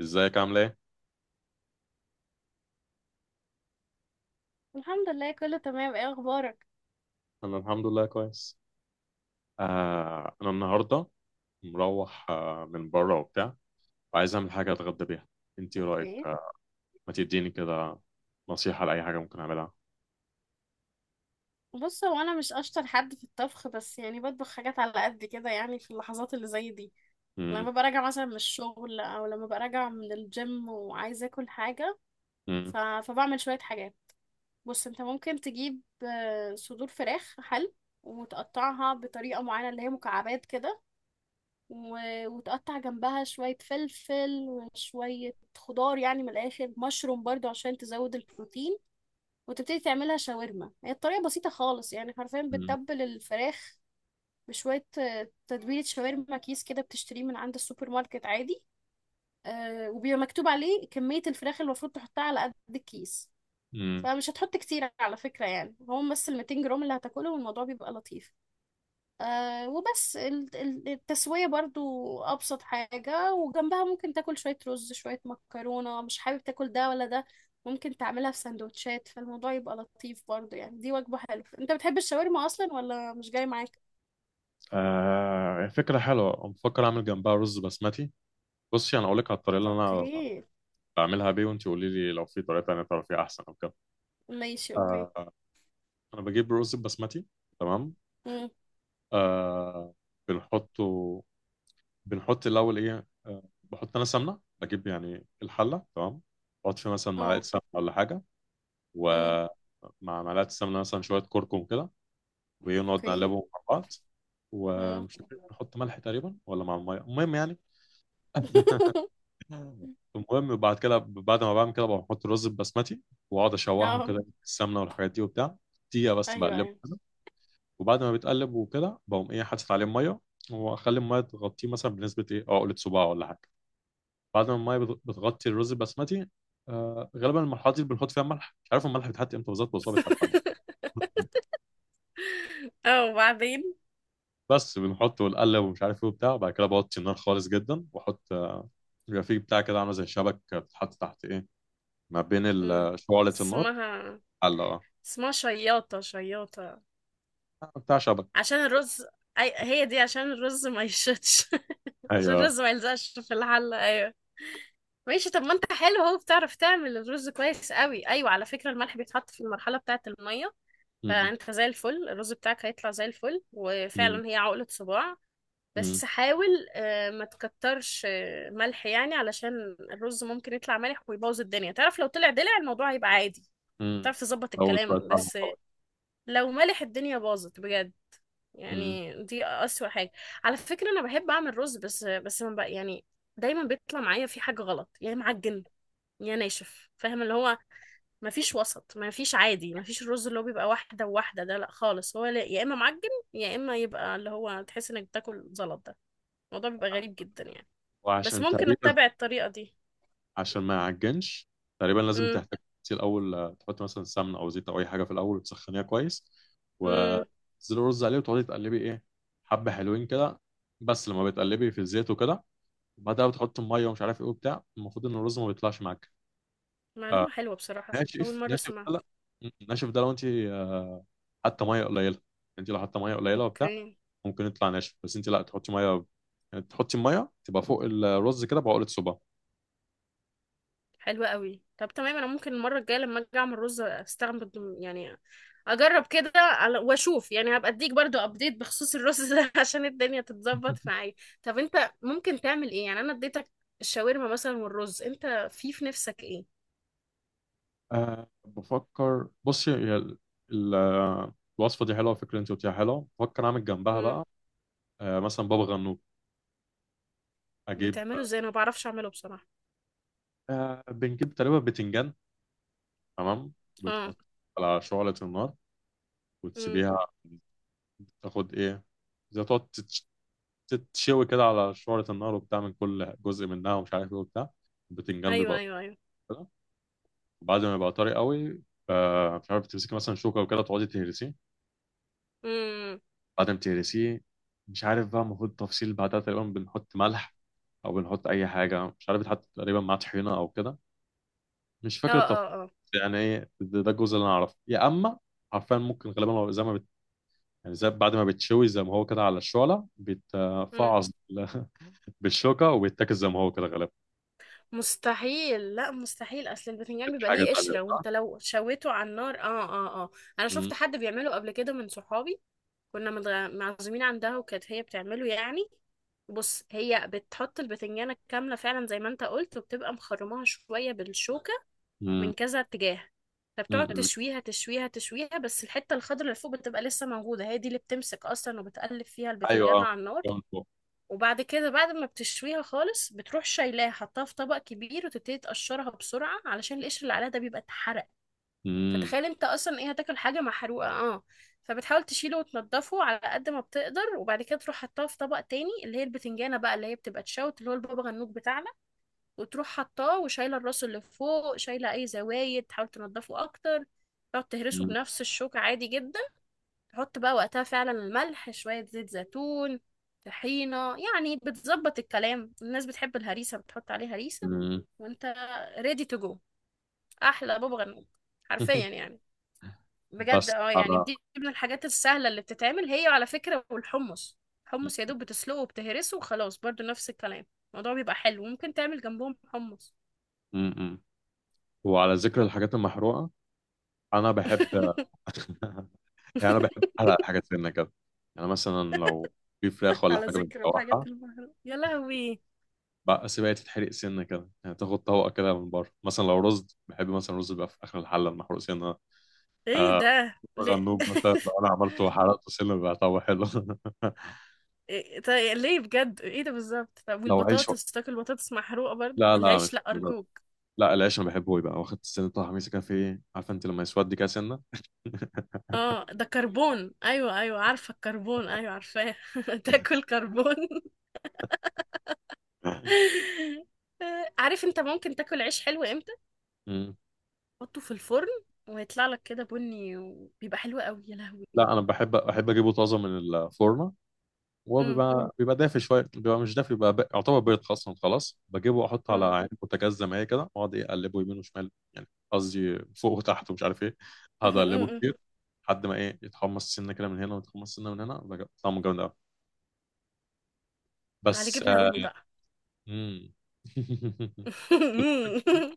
ازيك عامل ايه؟ الحمد لله، كله تمام. ايه اخبارك؟ انا الحمد لله كويس. انا النهارده مروح، من بره وبتاع، وعايز اعمل حاجه اتغدى بيها. انت ايه رايك؟ اوكي. ما تديني كده نصيحه لاي حاجه ممكن اعملها. بص، هو انا مش اشطر حد في الطبخ، بس يعني بطبخ حاجات على قد كده، يعني في اللحظات اللي زي دي مم، لما ببقى راجعه مثلا من الشغل او لما ببقى راجعه من الجيم وعايزه اكل حاجه. مم، فبعمل شويه حاجات. بص، انت ممكن تجيب صدور فراخ حل وتقطعها بطريقه معينه اللي هي مكعبات كده، و... وتقطع جنبها شويه فلفل وشويه خضار، يعني من الاخر مشروم برضو عشان تزود البروتين، وتبتدي تعملها شاورما. هي الطريقة بسيطة خالص، يعني حرفيا مم، بتتبل الفراخ بشوية تتبيلة شاورما، كيس كده بتشتريه من عند السوبر ماركت عادي. وبيبقى مكتوب عليه كمية الفراخ اللي المفروض تحطها على قد الكيس، مم. فمش هتحط كتير على فكرة، يعني هو بس ال 200 جرام اللي هتاكله والموضوع بيبقى لطيف. آه، وبس التسوية برضو أبسط حاجة. وجنبها ممكن تاكل شوية رز، شوية مكرونة، مش حابب تاكل ده ولا ده، ممكن تعملها في سندوتشات، فالموضوع يبقى لطيف برضو. يعني دي وجبة حلوة. انت بتحب الشاورما أصلا ولا مش جاي معاك؟ آه، فكره حلوه، بفكر اعمل جنبها رز بسمتي. بصي، انا اقول لك على الطريقه اللي انا اوكي. بعملها بيه، وانت قولي لي لو في طريقه تانيه تعرفيها احسن او كده. ماشي، اوكي. آه، انا بجيب رز بسمتي، تمام، مم. آه، بنحطه، بنحط الاول ايه، بحط انا سمنه، بجيب يعني الحله تمام، بحط فيها مثلا معلقه اه. سمنه ولا حاجه، مم. ومع معلقه السمنه مثلا شويه كركم كده، وايه، نقعد اوكي. نقلبهم مع بعض. مم. ومش فاكر بحط ملح تقريبا ولا مع الميه، المهم يعني. المهم، وبعد كده، بعد ما بعمل كده، بحط الرز البسمتي واقعد اشوحه اه. كده في السمنه والحاجات دي وبتاع. دقيقه بس ايوه، بقلبه ايوه. كده، وبعد ما بيتقلب وكده بقوم ايه، حاطط عليه ميه، واخلي الميه تغطيه مثلا بنسبه ايه، عقله صباع ولا حاجه. بعد ما الميه بتغطي الرز البسمتي، آه، غالبا المرحله دي بنحط فيها الملح. مش عارف الملح بيتحط امتى بالظبط، بس هو بيتحط عامة. اه، وبعدين. بس بنحطه ونقلب ومش عارف ايه وبتاع، وبعد كده بوطي النار خالص جدا واحط بيبقى فيه بتاع كده عامله زي شبك، بتتحط تحت ايه، ما بين مم. شعلة النار، اسمها، حلة، اه، اسمها شياطة، شياطة آه، بتاع شبك. عشان الرز. هي دي عشان الرز ما يشتش. عشان ايوه. الرز ما يلزقش في الحلة. ايوه، ماشي. طب ما انت حلو اهو، بتعرف تعمل الرز كويس قوي. ايوه، على فكرة الملح بيتحط في المرحلة بتاعة المية، امم، فانت زي الفل، الرز بتاعك هيطلع زي الفل، امم، وفعلا هي عقلة صباع. امم، بس حاول ما تكترش ملح، يعني علشان الرز ممكن يطلع مالح ويبوظ الدنيا. تعرف لو طلع دلع الموضوع هيبقى عادي، امم. تعرف تظبط اول شويه الكلام، ملح بس وخلاص. لو مالح الدنيا باظت بجد. أمم. يعني دي أسوأ حاجة. على فكرة أنا بحب أعمل رز، بس ما بقى، يعني دايما بيطلع معايا في حاجة غلط، يا معجن يا ناشف، فاهم؟ اللي هو ما فيش وسط، ما فيش عادي، ما فيش الرز اللي هو بيبقى واحدة وواحدة. ده لا خالص، هو يا إما معجن يا إما يبقى اللي هو تحس إنك بتاكل زلط. ده الموضوع بيبقى غريب جدا يعني. بس وعشان ممكن تقريبا، أتبع الطريقة دي. عشان ما يعجنش، تقريبا لازم امم، تحتاج تغسيه الأول، تحط مثلا سمنة أو زيت أو أي حاجة في الأول وتسخنيها كويس امم. وتنزلي الرز عليه، وتقعدي تقلبي إيه، حبة حلوين كده، بس لما بتقلبي في الزيت وكده، وبعدها بتحط المية ومش عارف إيه وبتاع. المفروض إن الرز ما بيطلعش معاك، آه، معلومة حلوة بصراحة، أول ناشف. مرة ناشف أسمعها. ده لا، ناشف ده لو أنت، حاطة مية قليلة. أنت لو حاطة مية قليلة وبتاع أوكي. ممكن يطلع ناشف، بس أنت لا تحطي مية، يعني تحطي المية تبقى فوق الرز كده بعقلة صباع. حلوة قوي. طب تمام، انا ممكن المره الجايه لما اجي اعمل رز استعمل، يعني اجرب كده، على واشوف، يعني هبقى اديك برضو ابديت بخصوص الرز ده. عشان الدنيا تتظبط معايا. طب انت ممكن تعمل ايه يعني؟ انا اديتك الشاورما مثلا والرز، انت في نفسك ايه؟ أه، بفكر، بصي، هي الوصفة دي حلوة، الفكرة اللي انت قلتيها حلوة. بفكر اعمل جنبها امم. بقى أه مثلا بابا غنوج. اجيب، بتعمله ازاي؟ انا ما بعرفش اعمله بصراحه. أه، بنجيب تقريبا بتنجان، تمام، اه. وبتحط على شعلة النار امم. وتسيبيها تاخد ايه، زي تقعد تتشوي كده على شعلة النار وبتاع من كل جزء منها ومش عارف ايه وبتاع. البتنجان ايوه بيبقى ايوه ايوه. طري كده، وبعد ما يبقى طري قوي، آه، مش عارف، تمسكي مثلا شوكة وكده تقعدي تهرسيه. امم. بعدين بتهرسيه، مش عارف بقى المفروض تفصيل بعدها، تقريبا بنحط ملح او بنحط اي حاجه، مش عارف بيتحط تقريبا مع طحينه او كده، مش اه فاكر التفصيل اه يعني. ايه ده، ده الجزء اللي انا اعرفه. يا اما حرفيا ممكن غالبا هو زي ما بت... يعني زي، بعد ما بتشوي زي ما هو كده على الشعله، اه. بيتفعص بالشوكه وبيتاكل زي ما هو كده غالبا. مستحيل، لا مستحيل، اصل البتنجان بتبقى بيبقى حاجه ليه تانيه قشرة، صح؟ وانت لو شويته على النار اه اه اه. انا مم. شفت حد بيعمله قبل كده من صحابي، كنا معزومين عندها وكانت هي بتعمله يعني. بص، هي بتحط البتنجانة كاملة فعلا زي ما انت قلت، وبتبقى مخرماها شوية بالشوكة مم. من كذا اتجاه، مم. فبتقعد مم. تشويها تشويها تشويها، بس الحتة الخضراء اللي فوق بتبقى لسه موجودة، هي دي اللي بتمسك اصلا وبتقلب فيها ايوه، البتنجانة اه، على النار. جوان فوق. وبعد كده بعد ما بتشويها خالص بتروح شايلاها، حطها في طبق كبير، وتبتدي تقشرها بسرعة علشان القشر اللي عليها ده بيبقى اتحرق. مم. فتخيل انت اصلا ايه، هتاكل حاجة محروقة؟ اه، فبتحاول تشيله وتنضفه على قد ما بتقدر، وبعد كده تروح حطاه في طبق تاني، اللي هي البتنجانة بقى اللي هي بتبقى تشوت، اللي هو البابا غنوج بتاعنا. وتروح حطاه وشايلة الراس اللي فوق، شايلة اي زوايد، تحاول تنضفه اكتر. تقعد تهرسه مم. بنفس الشوكة عادي جدا. حط بقى وقتها فعلا الملح، شوية زيت زيتون، طحينة، يعني بتظبط الكلام. الناس بتحب الهريسة بتحط عليه هريسة. مم. وانت ريدي تو جو، احلى بابا غنوج حرفيا يعني. بجد بس اه، يعني على دي من الحاجات السهلة اللي بتتعمل هي، على فكرة، والحمص. الحمص يا دوب بتسلقه وبتهرسه وخلاص برضو نفس الكلام. الموضوع بيبقى حلو، ممكن تعمل جنبهم حمص. م- م- وعلى ذكر الحاجات المحروقة، انا بحب يعني انا بحب احلق الحاجات سنه كده. يعني مثلا لو في فراخ ولا على حاجه ذكر الحاجات متشوحه المهمة، يا لهوي! بقى، سيبها تتحرق سنه كده. يعني تاخد طبقه كده من بره، مثلا لو رز، بحب مثلا رز بقى في اخر الحله المحروق سنه. ايه آه، ده ليه؟ غنوج مثلا لو انا عملته وحرقته سنه بقى طعمه حلو. إيه؟ طيب يعني ليه بجد؟ ايه ده بالظبط؟ طب لو عيش و... والبطاطس، تاكل بطاطس محروقه برضو؟ لا لا، العيش مش لا بالضبط. ارجوك. لا، العيش انا بحبه يبقى واخد السنه، بتاع حميسه كده في ايه، عارفه انت لما يسود كده سنه. اه، ده كربون، ايوه ايوه، عارفه الكربون، ايوه عارفاه. تاكل كربون. عارف انت ممكن تاكل عيش حلو امتى؟ مم. حطه في الفرن ويطلع لك كده بني وبيبقى حلو قوي، يا لهوي! لا، انا بحب، اجيبه طازه من الفرن وهو أم، بيبقى، دافي شويه، بيبقى مش دافي، بيبقى يعتبر بيض اصلا. خلاص بجيبه واحطه على أم، عين بوتاجاز زي ما هي كده، واقعد إيه، اقلبه يمين وشمال، يعني قصدي فوق وتحت، ومش عارف ايه، أم، اقعد اقلبه أم، مم. أم. كتير، لحد ما ايه، يتحمص سنه كده من هنا ويتحمص سنه من هنا، بقى طعمه جامد قوي. على بس جبنه آه، رومي بقى. مم.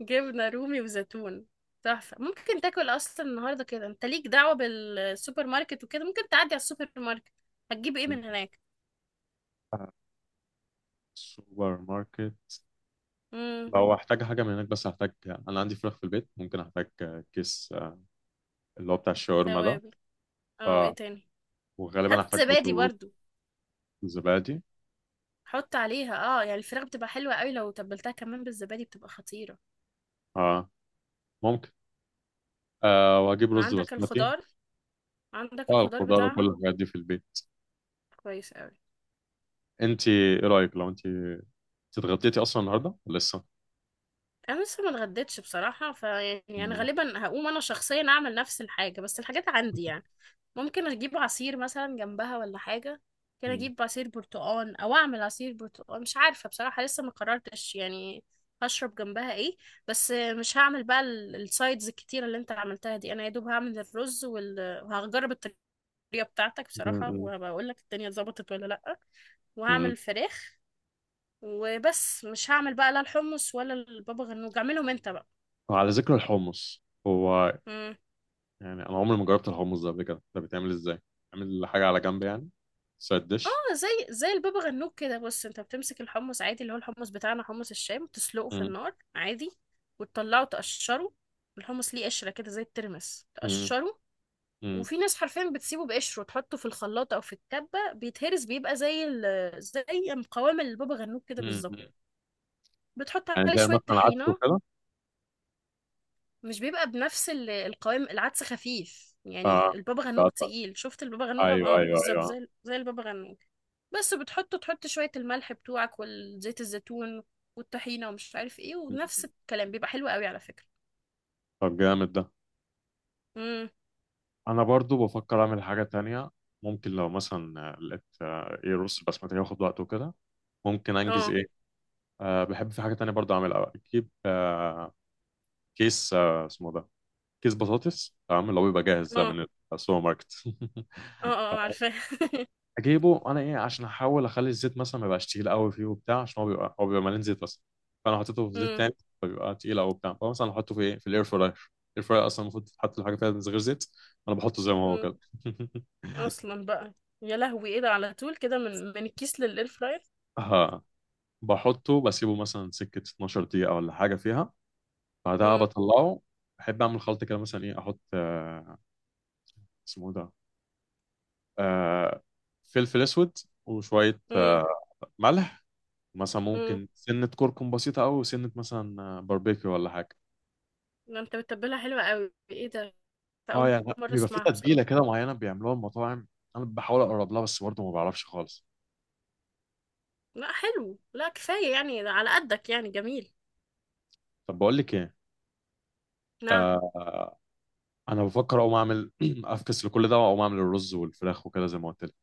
جبنة رومي وزيتون، تحفة. ممكن تاكل أصلا النهاردة كده، أنت ليك دعوة بالسوبر ماركت وكده، ممكن تعدي على السوبر ماركت. هتجيب إيه من هناك؟ سوبر ماركت، امم. لو احتاج حاجه من هناك، بس هحتاج، انا عندي فراخ في البيت، ممكن احتاج كيس، آه، اللي هو بتاع الشاورما ده، توابل، اه، وإيه آه، تاني؟ وغالبا هات هحتاج زبادي برضه برضو، رز، زبادي، حط عليها. اه يعني الفراخ بتبقى حلوة قوي لو تبلتها كمان بالزبادي، بتبقى خطيرة. اه، ممكن، آه، واجيب رز عندك بسمتي. الخضار، عندك اه، الخضار الخضار وكل بتاعها. الحاجات دي في البيت. كويس قوي. انت ايه رايك، لو انت اتغديتي اصلا النهارده ولا لسه؟ انا لسه ما اتغديتش بصراحه، فيعني انا مم. غالبا هقوم انا شخصيا اعمل نفس الحاجه، بس الحاجات عندي يعني. ممكن اجيب عصير مثلا جنبها ولا حاجه، ممكن مم. اجيب عصير برتقال او اعمل عصير برتقال، مش عارفه بصراحه، لسه ما قررتش يعني هشرب جنبها ايه. بس مش هعمل بقى السايدز الكتيره اللي انت عملتها دي، انا يا دوب هعمل الرز وهجرب الطريقه بتاعتك بصراحه مم. وهبقول لك الدنيا اتظبطت ولا لا، وهعمل مم. الفراخ وبس. مش هعمل بقى لا الحمص ولا البابا غنوج، اعملهم انت بقى. وعلى ذكر الحمص، هو مم. يعني انا عمري ما جربت الحمص ده قبل كده. ده بيتعمل ازاي؟ عامل حاجه على جنب يعني، سايد ديش. اه، زي زي البابا غنوج كده. بص، انت بتمسك الحمص عادي، اللي هو الحمص بتاعنا، حمص الشام، تسلقه في مم. النار عادي، وتطلعه تقشره. الحمص ليه قشرة كده زي الترمس، مم. تقشره. مم. وفي ناس حرفيا بتسيبه بقشره، تحطه في الخلاط او في الكبة، بيتهرس بيبقى زي زي قوام البابا غنوج كده مم. بالظبط. بتحط يعني عليه زي شوية مثلا عدس طحينة. وكده. مش بيبقى بنفس القوام، العدس خفيف اه، يعني، البابا غنوج بقطع. تقيل، شفت البابا غنوج اه ايوه، ايوه، بالظبط، ايوه. زي زي البابا غنوج. بس بتحط شوية الملح بتوعك، والزيت الزيتون والطحينة ومش عارف ايه، مم. ونفس الكلام، بيبقى حلو قوي على فكرة. طب جامد ده. امم. انا برضو بفكر اعمل حاجة تانية. ممكن لو مثلا لقيت، ايه، رز بسمتي ياخد وقت وكده، ممكن انجز اه ايه، أه، بحب في حاجة تانية برضو اعملها، اجيب أه كيس، اسمه ده، كيس بطاطس، تمام، اللي هو بيبقى جاهز اه ده اه. من السوبر ماركت. اه تمام. عارفاه. اجيبه انا ايه، عشان احاول اخلي الزيت مثلا ما يبقاش تقيل قوي فيه وبتاع، عشان هو بيبقى، مليان زيت اصلا، فانا حطيته في زيت امم، تاني، فبيبقى تقيل قوي وبتاع، فمثلا احطه في ايه، في الاير فراير. الاير فراير اصلا المفروض تحط الحاجة فيها غير زيت، انا بحطه زي ما هو امم. كده. اصلا بقى، يا لهوي ايه ده، على طول كده من الكيس للاير فراير؟ اه، بحطه، بسيبه مثلا سكة 12 دقيقة ولا حاجة فيها، بعدها امم، بطلعه. بحب أعمل خلط كده، مثلا إيه، أحط اسمه ده، آه، فلفل أسود، وشوية امم، ملح، مثلا امم. ممكن سنة كركم بسيطة أوي، وسنة مثلا باربيكيو ولا حاجة. ده انت بتتبلها حلوة قوي، ايه ده، ده اه، اول يعني لأ، مرة بيبقى في اسمعها تتبيلة بصراحة. كده معينة بيعملوها المطاعم، أنا بحاول أقرب لها بس برضه ما بعرفش خالص. لا حلو، لا كفاية، يعني ده على قدك، يعني جميل. طب بقول لك إيه، نعم. آه، أنا بفكر أقوم أعمل أفكس لكل ده وأقوم أعمل الرز والفراخ وكده زي ما قلت لك.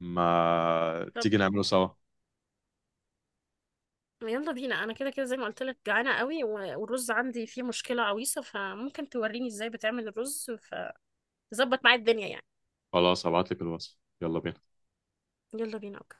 ما طب تيجي نعمله سوا؟ يلا بينا. انا كده كده زي ما قلت لك جعانه قوي، والرز عندي فيه مشكله عويصه، فممكن توريني ازاي بتعمل الرز فتظبط معايا الدنيا يعني. خلاص هبعت لك الوصف، يلا بينا. يلا بينا، اوكي.